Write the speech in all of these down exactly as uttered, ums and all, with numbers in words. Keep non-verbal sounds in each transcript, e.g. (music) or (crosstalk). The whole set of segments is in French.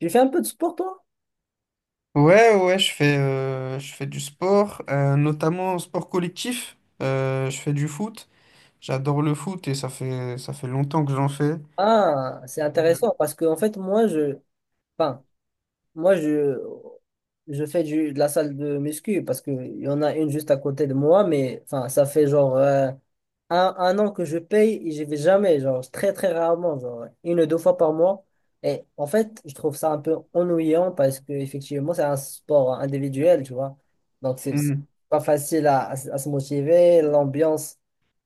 J'ai fait un peu de sport, toi? Ouais, ouais, ouais, je fais, euh, je fais du sport, euh, notamment sport collectif. Euh, je fais du foot. J'adore le foot et ça fait, ça fait longtemps que j'en fais. Ah, c'est intéressant parce que, en fait, moi, je, enfin, moi, je, je fais du, de la salle de muscu parce qu'il y en a une juste à côté de moi, mais, enfin, ça fait genre euh, un, un an que je paye et j'y vais jamais, genre très très rarement, genre une ou deux fois par mois. Et en fait, je trouve ça un peu ennuyant parce que effectivement, c'est un sport individuel, tu vois. Donc c'est c'est Mm. pas facile à, à se à se motiver, l'ambiance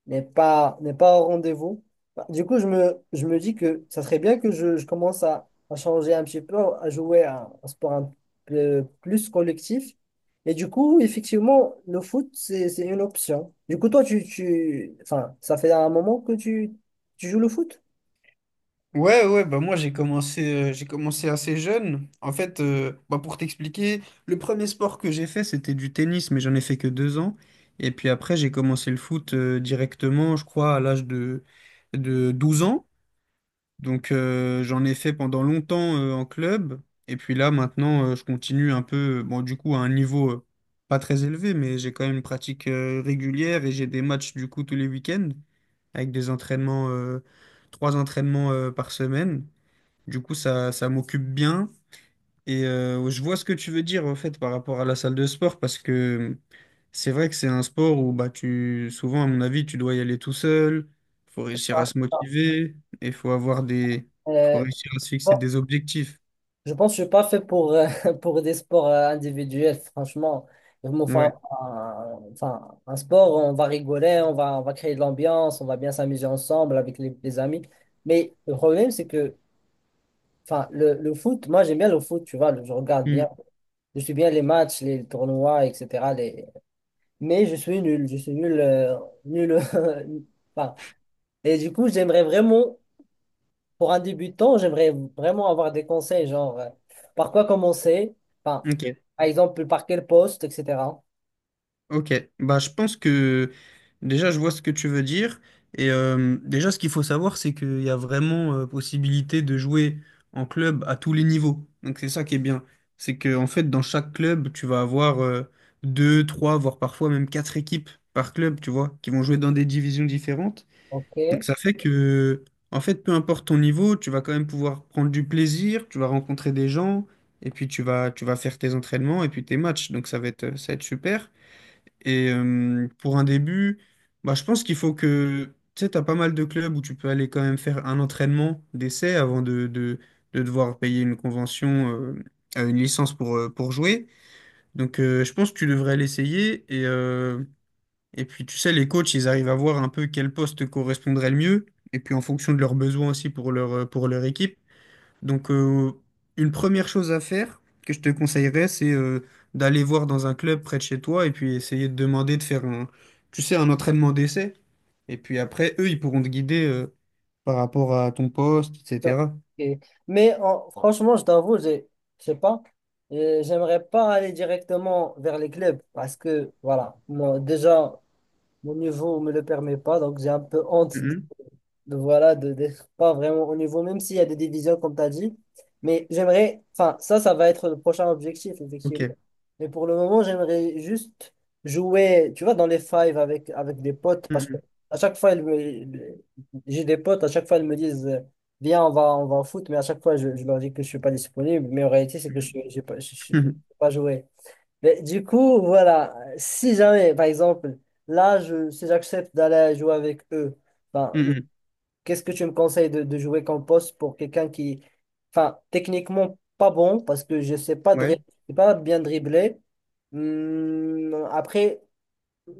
n'est pas n'est pas au rendez-vous. Bah, du coup, je me, je me dis que ça serait bien que je, je commence à, à changer un petit peu, à jouer à un sport un peu plus collectif. Et du coup, effectivement, le foot, c'est, c'est une option. Du coup, toi, tu, tu, enfin, ça fait un moment que tu, tu joues le foot? Ouais, ouais, bah moi j'ai commencé, euh, j'ai commencé assez jeune. En fait, euh, bah pour t'expliquer, le premier sport que j'ai fait, c'était du tennis, mais j'en ai fait que deux ans. Et puis après, j'ai commencé le foot, euh, directement, je crois, à l'âge de, de douze ans. Donc euh, j'en ai fait pendant longtemps euh, en club. Et puis là maintenant euh, je continue un peu, euh, bon du coup à un niveau euh, pas très élevé, mais j'ai quand même une pratique euh, régulière et j'ai des matchs du coup tous les week-ends avec des entraînements, euh, trois entraînements euh, par semaine. Du coup ça, ça m'occupe bien. Et euh, je vois ce que tu veux dire en fait par rapport à la salle de sport parce que c'est vrai que c'est un sport où bah tu souvent à mon avis tu dois y aller tout seul, faut réussir à Ah, se ah. motiver et faut avoir des faut Euh, réussir à se fixer bon, des objectifs. je pense que je suis pas fait pour, euh, (laughs) pour des sports euh, individuels, franchement. Enfin, Ouais. un, enfin, un sport, on va rigoler, on va, on va créer de l'ambiance, on va bien s'amuser ensemble avec les, les amis. Mais le problème, c'est que, enfin, le, le foot, moi, j'aime bien le foot, tu vois, je regarde Hmm. bien, je suis bien les matchs, les tournois, et cetera, les, mais je suis nul, je suis nul, euh, nul. (laughs) euh, Enfin, et du coup, j'aimerais vraiment, pour un débutant, j'aimerais vraiment avoir des conseils, genre euh, par quoi commencer, enfin, Ok. par exemple, par quel poste, et cetera. Ok, bah je pense que déjà je vois ce que tu veux dire et euh, déjà ce qu'il faut savoir c'est qu'il y a vraiment euh, possibilité de jouer en club à tous les niveaux. Donc c'est ça qui est bien, c'est que en fait dans chaque club tu vas avoir euh, deux, trois, voire parfois même quatre équipes par club, tu vois, qui vont jouer dans des divisions différentes. Ok. Donc ça fait que en fait peu importe ton niveau, tu vas quand même pouvoir prendre du plaisir, tu vas rencontrer des gens et puis tu vas tu vas faire tes entraînements et puis tes matchs. Donc ça va être ça va être super. Et euh, pour un début, bah, je pense qu'il faut que, tu sais, tu as pas mal de clubs où tu peux aller quand même faire un entraînement d'essai avant de, de, de devoir payer une convention, euh, euh, une licence pour, euh, pour jouer. Donc euh, je pense que tu devrais l'essayer. Et, euh, et puis, tu sais, les coachs, ils arrivent à voir un peu quel poste correspondrait le mieux. Et puis en fonction de leurs besoins aussi pour leur, euh, pour leur équipe. Donc, euh, une première chose à faire que je te conseillerais, c'est euh, d'aller voir dans un club près de chez toi et puis essayer de demander de faire un, tu sais, un entraînement d'essai. Et puis après, eux, ils pourront te guider euh, par rapport à ton poste, Ok. et cetera. Mais en- franchement, je t'avoue, j'ai- je sais pas, euh, j'aimerais pas aller directement vers les clubs parce que, voilà, moi, déjà, mon niveau me le permet pas, donc j'ai un peu honte Mhm. de voilà, de, d'être pas vraiment au niveau, même s'il y a des divisions, comme tu as dit. Mais j'aimerais, enfin, ça, ça va être le prochain objectif, effectivement. Ok. Mais pour le moment, j'aimerais juste jouer, tu vois, dans les fives avec, avec des potes, parce que Mhm. à chaque fois, ils me- j'ai des potes, à chaque fois, ils me disent, euh, viens, on va, on va au foot, mais à chaque fois, je, je leur dis que je suis pas disponible, mais en réalité, c'est que je Mhm. suis- j'ai pas, je, je- je peux Mhm. pas joué. Mais du coup, voilà, si jamais, par exemple, là, je, si j'accepte d'aller jouer avec eux, ben, Mhm. (laughs) qu'est-ce que tu me conseilles de, de jouer comme poste pour quelqu'un qui, enfin, techniquement pas bon parce que je sais pas Ouais. dribbler, je sais pas bien dribbler. Hum, après,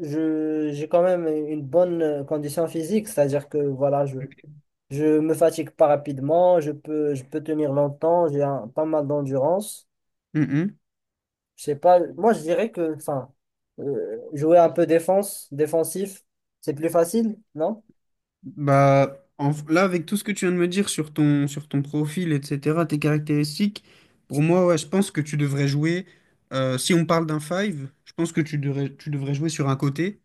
je, j'ai quand même une bonne euh, condition physique, c'est-à-dire que voilà, je, Ok. je me fatigue pas rapidement, je peux, je peux tenir longtemps, j'ai un- pas mal d'endurance. Mhm. Je sais pas, moi je dirais que, enfin, euh, jouer un peu défense, défensif, c'est plus facile, non? Bah, en- là, avec tout ce que tu viens de me dire sur ton, sur ton profil, et cetera, tes caractéristiques, pour moi, ouais, je pense que tu devrais jouer, euh, si on parle d'un five, je pense que tu devrais, tu devrais jouer sur un côté,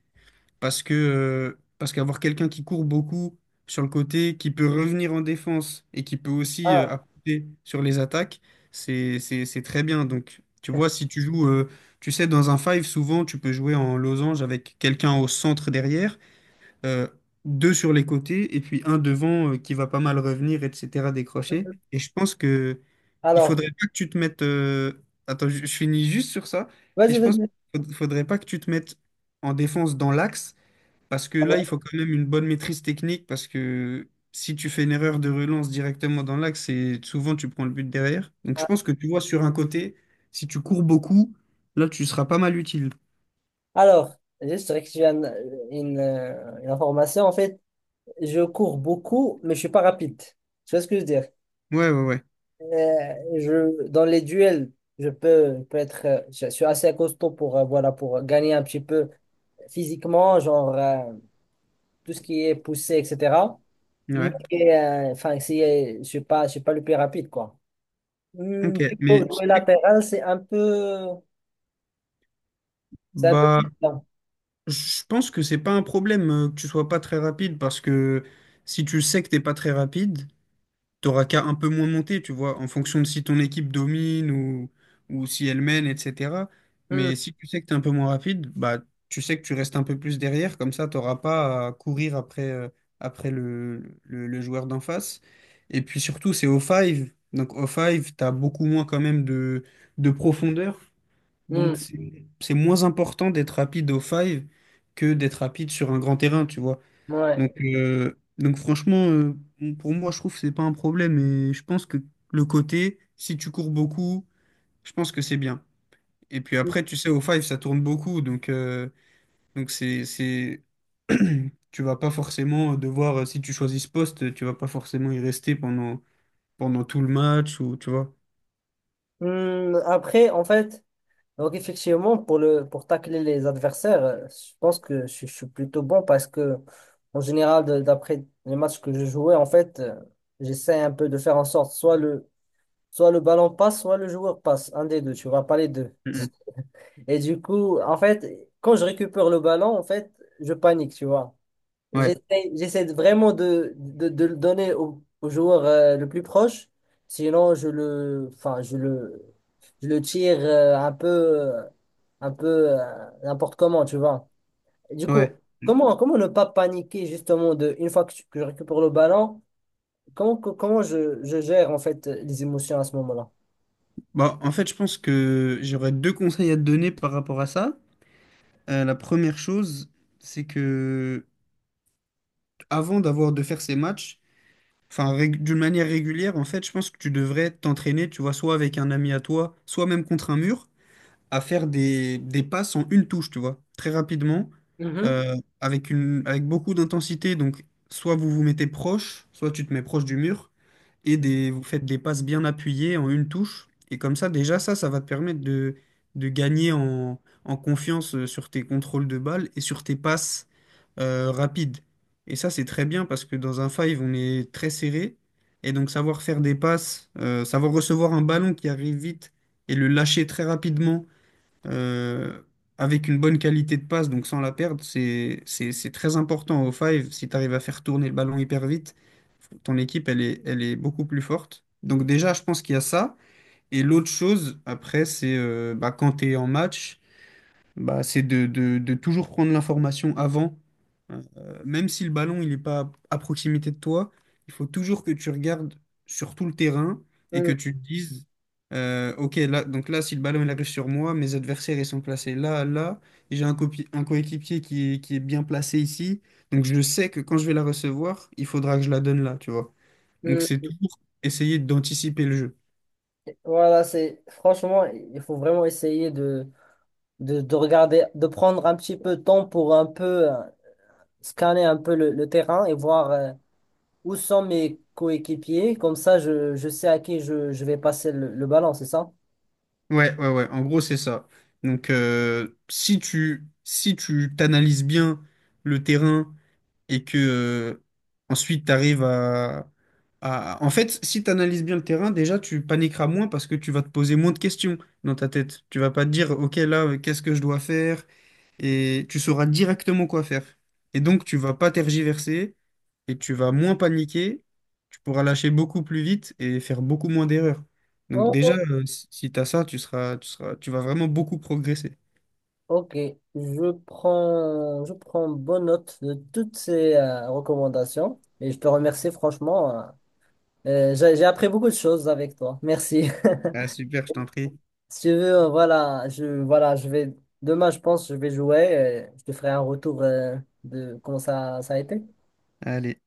parce que, euh, parce qu'avoir quelqu'un qui court beaucoup sur le côté, qui peut revenir en défense et qui peut aussi Ah. euh, apporter sur les attaques, c'est, c'est, c'est très bien. Donc, tu vois, si tu joues, euh, tu sais, dans un five, souvent, tu peux jouer en losange avec quelqu'un au centre derrière euh, deux sur les côtés et puis un devant euh, qui va pas mal revenir, et cetera, décrocher. Et je pense que il Alors, faudrait pas que tu te mettes. euh, Attends, je, je finis juste sur ça. Et vas-y, je pense vas-y. qu'il faudrait pas que tu te mettes en défense dans l'axe parce que Ah ouais. là, il faut quand même une bonne maîtrise technique parce que si tu fais une erreur de relance directement dans l'axe, c'est souvent tu prends le but derrière. Donc je pense que tu vois sur un côté, si tu cours beaucoup, là, tu seras pas mal utile. Alors, juste rectifier un- une, euh, une information. En fait, je cours beaucoup, mais je suis pas rapide. Tu vois ce que je veux dire? Ouais, ouais, ouais. Euh, je, dans les duels, je peux, je peux être, euh, je suis assez costaud pour, euh, voilà, pour gagner un petit peu physiquement, genre euh, tout ce qui est poussé, et cetera. Mais Ouais. euh, enfin, si, euh, je suis pas, je suis pas le plus rapide, quoi. Hmm, Ok, du coup, jouer mais latéral, c'est un peu, c'est un peu bah plus lent. je pense que c'est pas un problème euh, que tu sois pas très rapide parce que si tu sais que t'es pas très rapide, t'auras qu'à un peu moins monter, tu vois, en fonction de si ton équipe domine ou, ou si elle mène, et cetera. Hmm, Mais si tu sais que t'es un peu moins rapide, bah tu sais que tu restes un peu plus derrière, comme ça t'auras pas à courir après, euh, après le, le, le joueur d'en face. Et puis surtout, c'est au five, donc au five, t'as beaucoup moins quand même de, de profondeur. hmm, Donc, c'est c'est moins important d'être rapide au five que d'être rapide sur un grand terrain, tu vois. ouais. Donc, euh, donc franchement, euh, pour moi, je trouve que c'est pas un problème. Et je pense que le côté, si tu cours beaucoup, je pense que c'est bien. Et puis après, tu sais, au five, ça tourne beaucoup. Donc, euh, donc c'est, c'est... (clears throat) Tu vas pas forcément devoir, euh, si tu choisis ce poste, tu vas pas forcément y rester pendant, pendant tout le match ou, tu vois. Hmm, après, en fait. Donc effectivement, pour le pour tacler les adversaires, euh, je pense que je, je suis plutôt bon parce que en général, de- d'après les matchs que je jouais, en fait, euh, j'essaie un peu de faire en sorte soit le soit le ballon passe, soit le joueur passe, un des deux, tu vois, pas les deux. Mhm. (laughs) Et du coup, en fait, quand je récupère le ballon, en fait, je panique, tu vois. Ouais, J'essaie, j'essaie de- vraiment de, de, de le donner au, au joueur euh, le plus proche. Sinon, je le, enfin, je le, je le tire euh, un peu, euh, un peu euh, n'importe comment, tu vois. Et du coup, ouais. comment, comment ne pas paniquer justement de, une fois que, tu- que je récupère le ballon, comment, co- comment je, je gère en fait les émotions à ce moment-là? Bah, en fait, je pense que j'aurais deux conseils à te donner par rapport à ça. Euh, la première chose, c'est que avant d'avoir de faire ces matchs, enfin rég- d'une manière régulière, en fait, je pense que tu devrais t'entraîner, tu vois, soit avec un ami à toi, soit même contre un mur, à faire des, des passes en une touche, tu vois, très rapidement, Mhm. euh, avec une, avec beaucoup d'intensité. Donc, soit vous vous mettez proche, soit tu te mets proche du mur. Et des, vous faites des passes bien appuyées en une touche. Et comme ça, déjà, ça, ça va te permettre de, de gagner en, en confiance euh, sur tes contrôles de balle et sur tes passes euh, rapides. Et ça, c'est très bien parce que dans un five, on est très serré. Et donc, savoir faire des passes, euh, savoir recevoir un ballon qui arrive vite et le lâcher très rapidement euh, avec une bonne qualité de passe, donc sans la perdre, c'est, c'est, c'est très important au five si tu arrives à faire tourner le ballon hyper vite ton équipe, elle est, elle est beaucoup plus forte. Donc déjà, je pense qu'il y a ça. Et l'autre chose, après, c'est euh, bah, quand tu es en match, bah, c'est de, de- de toujours prendre l'information avant. Euh, Même si le ballon, il n'est pas à proximité de toi, il faut toujours que tu regardes sur tout le terrain et que Mm, tu te dises, euh, OK, là, donc là, si le ballon, il arrive sur moi, mes adversaires, ils sont placés là, là, et j'ai un, copi- un coéquipier qui est, qui est bien placé ici. Donc je sais que quand je vais la recevoir, il faudra que je la donne là, tu vois. Donc c'est mm. toujours essayer d'anticiper le jeu. Voilà, c'est franchement, il faut vraiment essayer de, de, de regarder, de prendre un petit peu de temps pour un peu. euh, scanner un peu le, le terrain et voir euh, où sont mes coéquipiers. Comme ça, je, je sais à qui je, je vais passer le, le ballon, c'est ça? Ouais, ouais, ouais. En gros, c'est ça. Donc euh, si tu si tu t'analyses bien le terrain, et que euh, ensuite tu arrives à, à- En fait, si tu analyses bien le terrain, déjà tu paniqueras moins parce que tu vas te poser moins de questions dans ta tête. Tu vas pas te dire, OK, là, euh, qu'est-ce que je dois faire? Et tu sauras directement quoi faire. Et donc, tu vas pas tergiverser et tu vas moins paniquer. Tu pourras lâcher beaucoup plus vite et faire beaucoup moins d'erreurs. Donc déjà, Oh, euh, si si tu as ça, tu seras, tu seras, tu vas vraiment beaucoup progresser. ok, je prends, je prends bonne note de toutes ces euh, recommandations et je te remercie franchement. euh, euh, j'ai j'ai appris beaucoup de choses avec toi. Merci. (laughs) Ah, super, je t'en prie. Si tu veux, euh, voilà, je, voilà, je vais, demain, je pense, je vais jouer. Euh, je te ferai un retour euh, de comment ça, ça a été. Allez.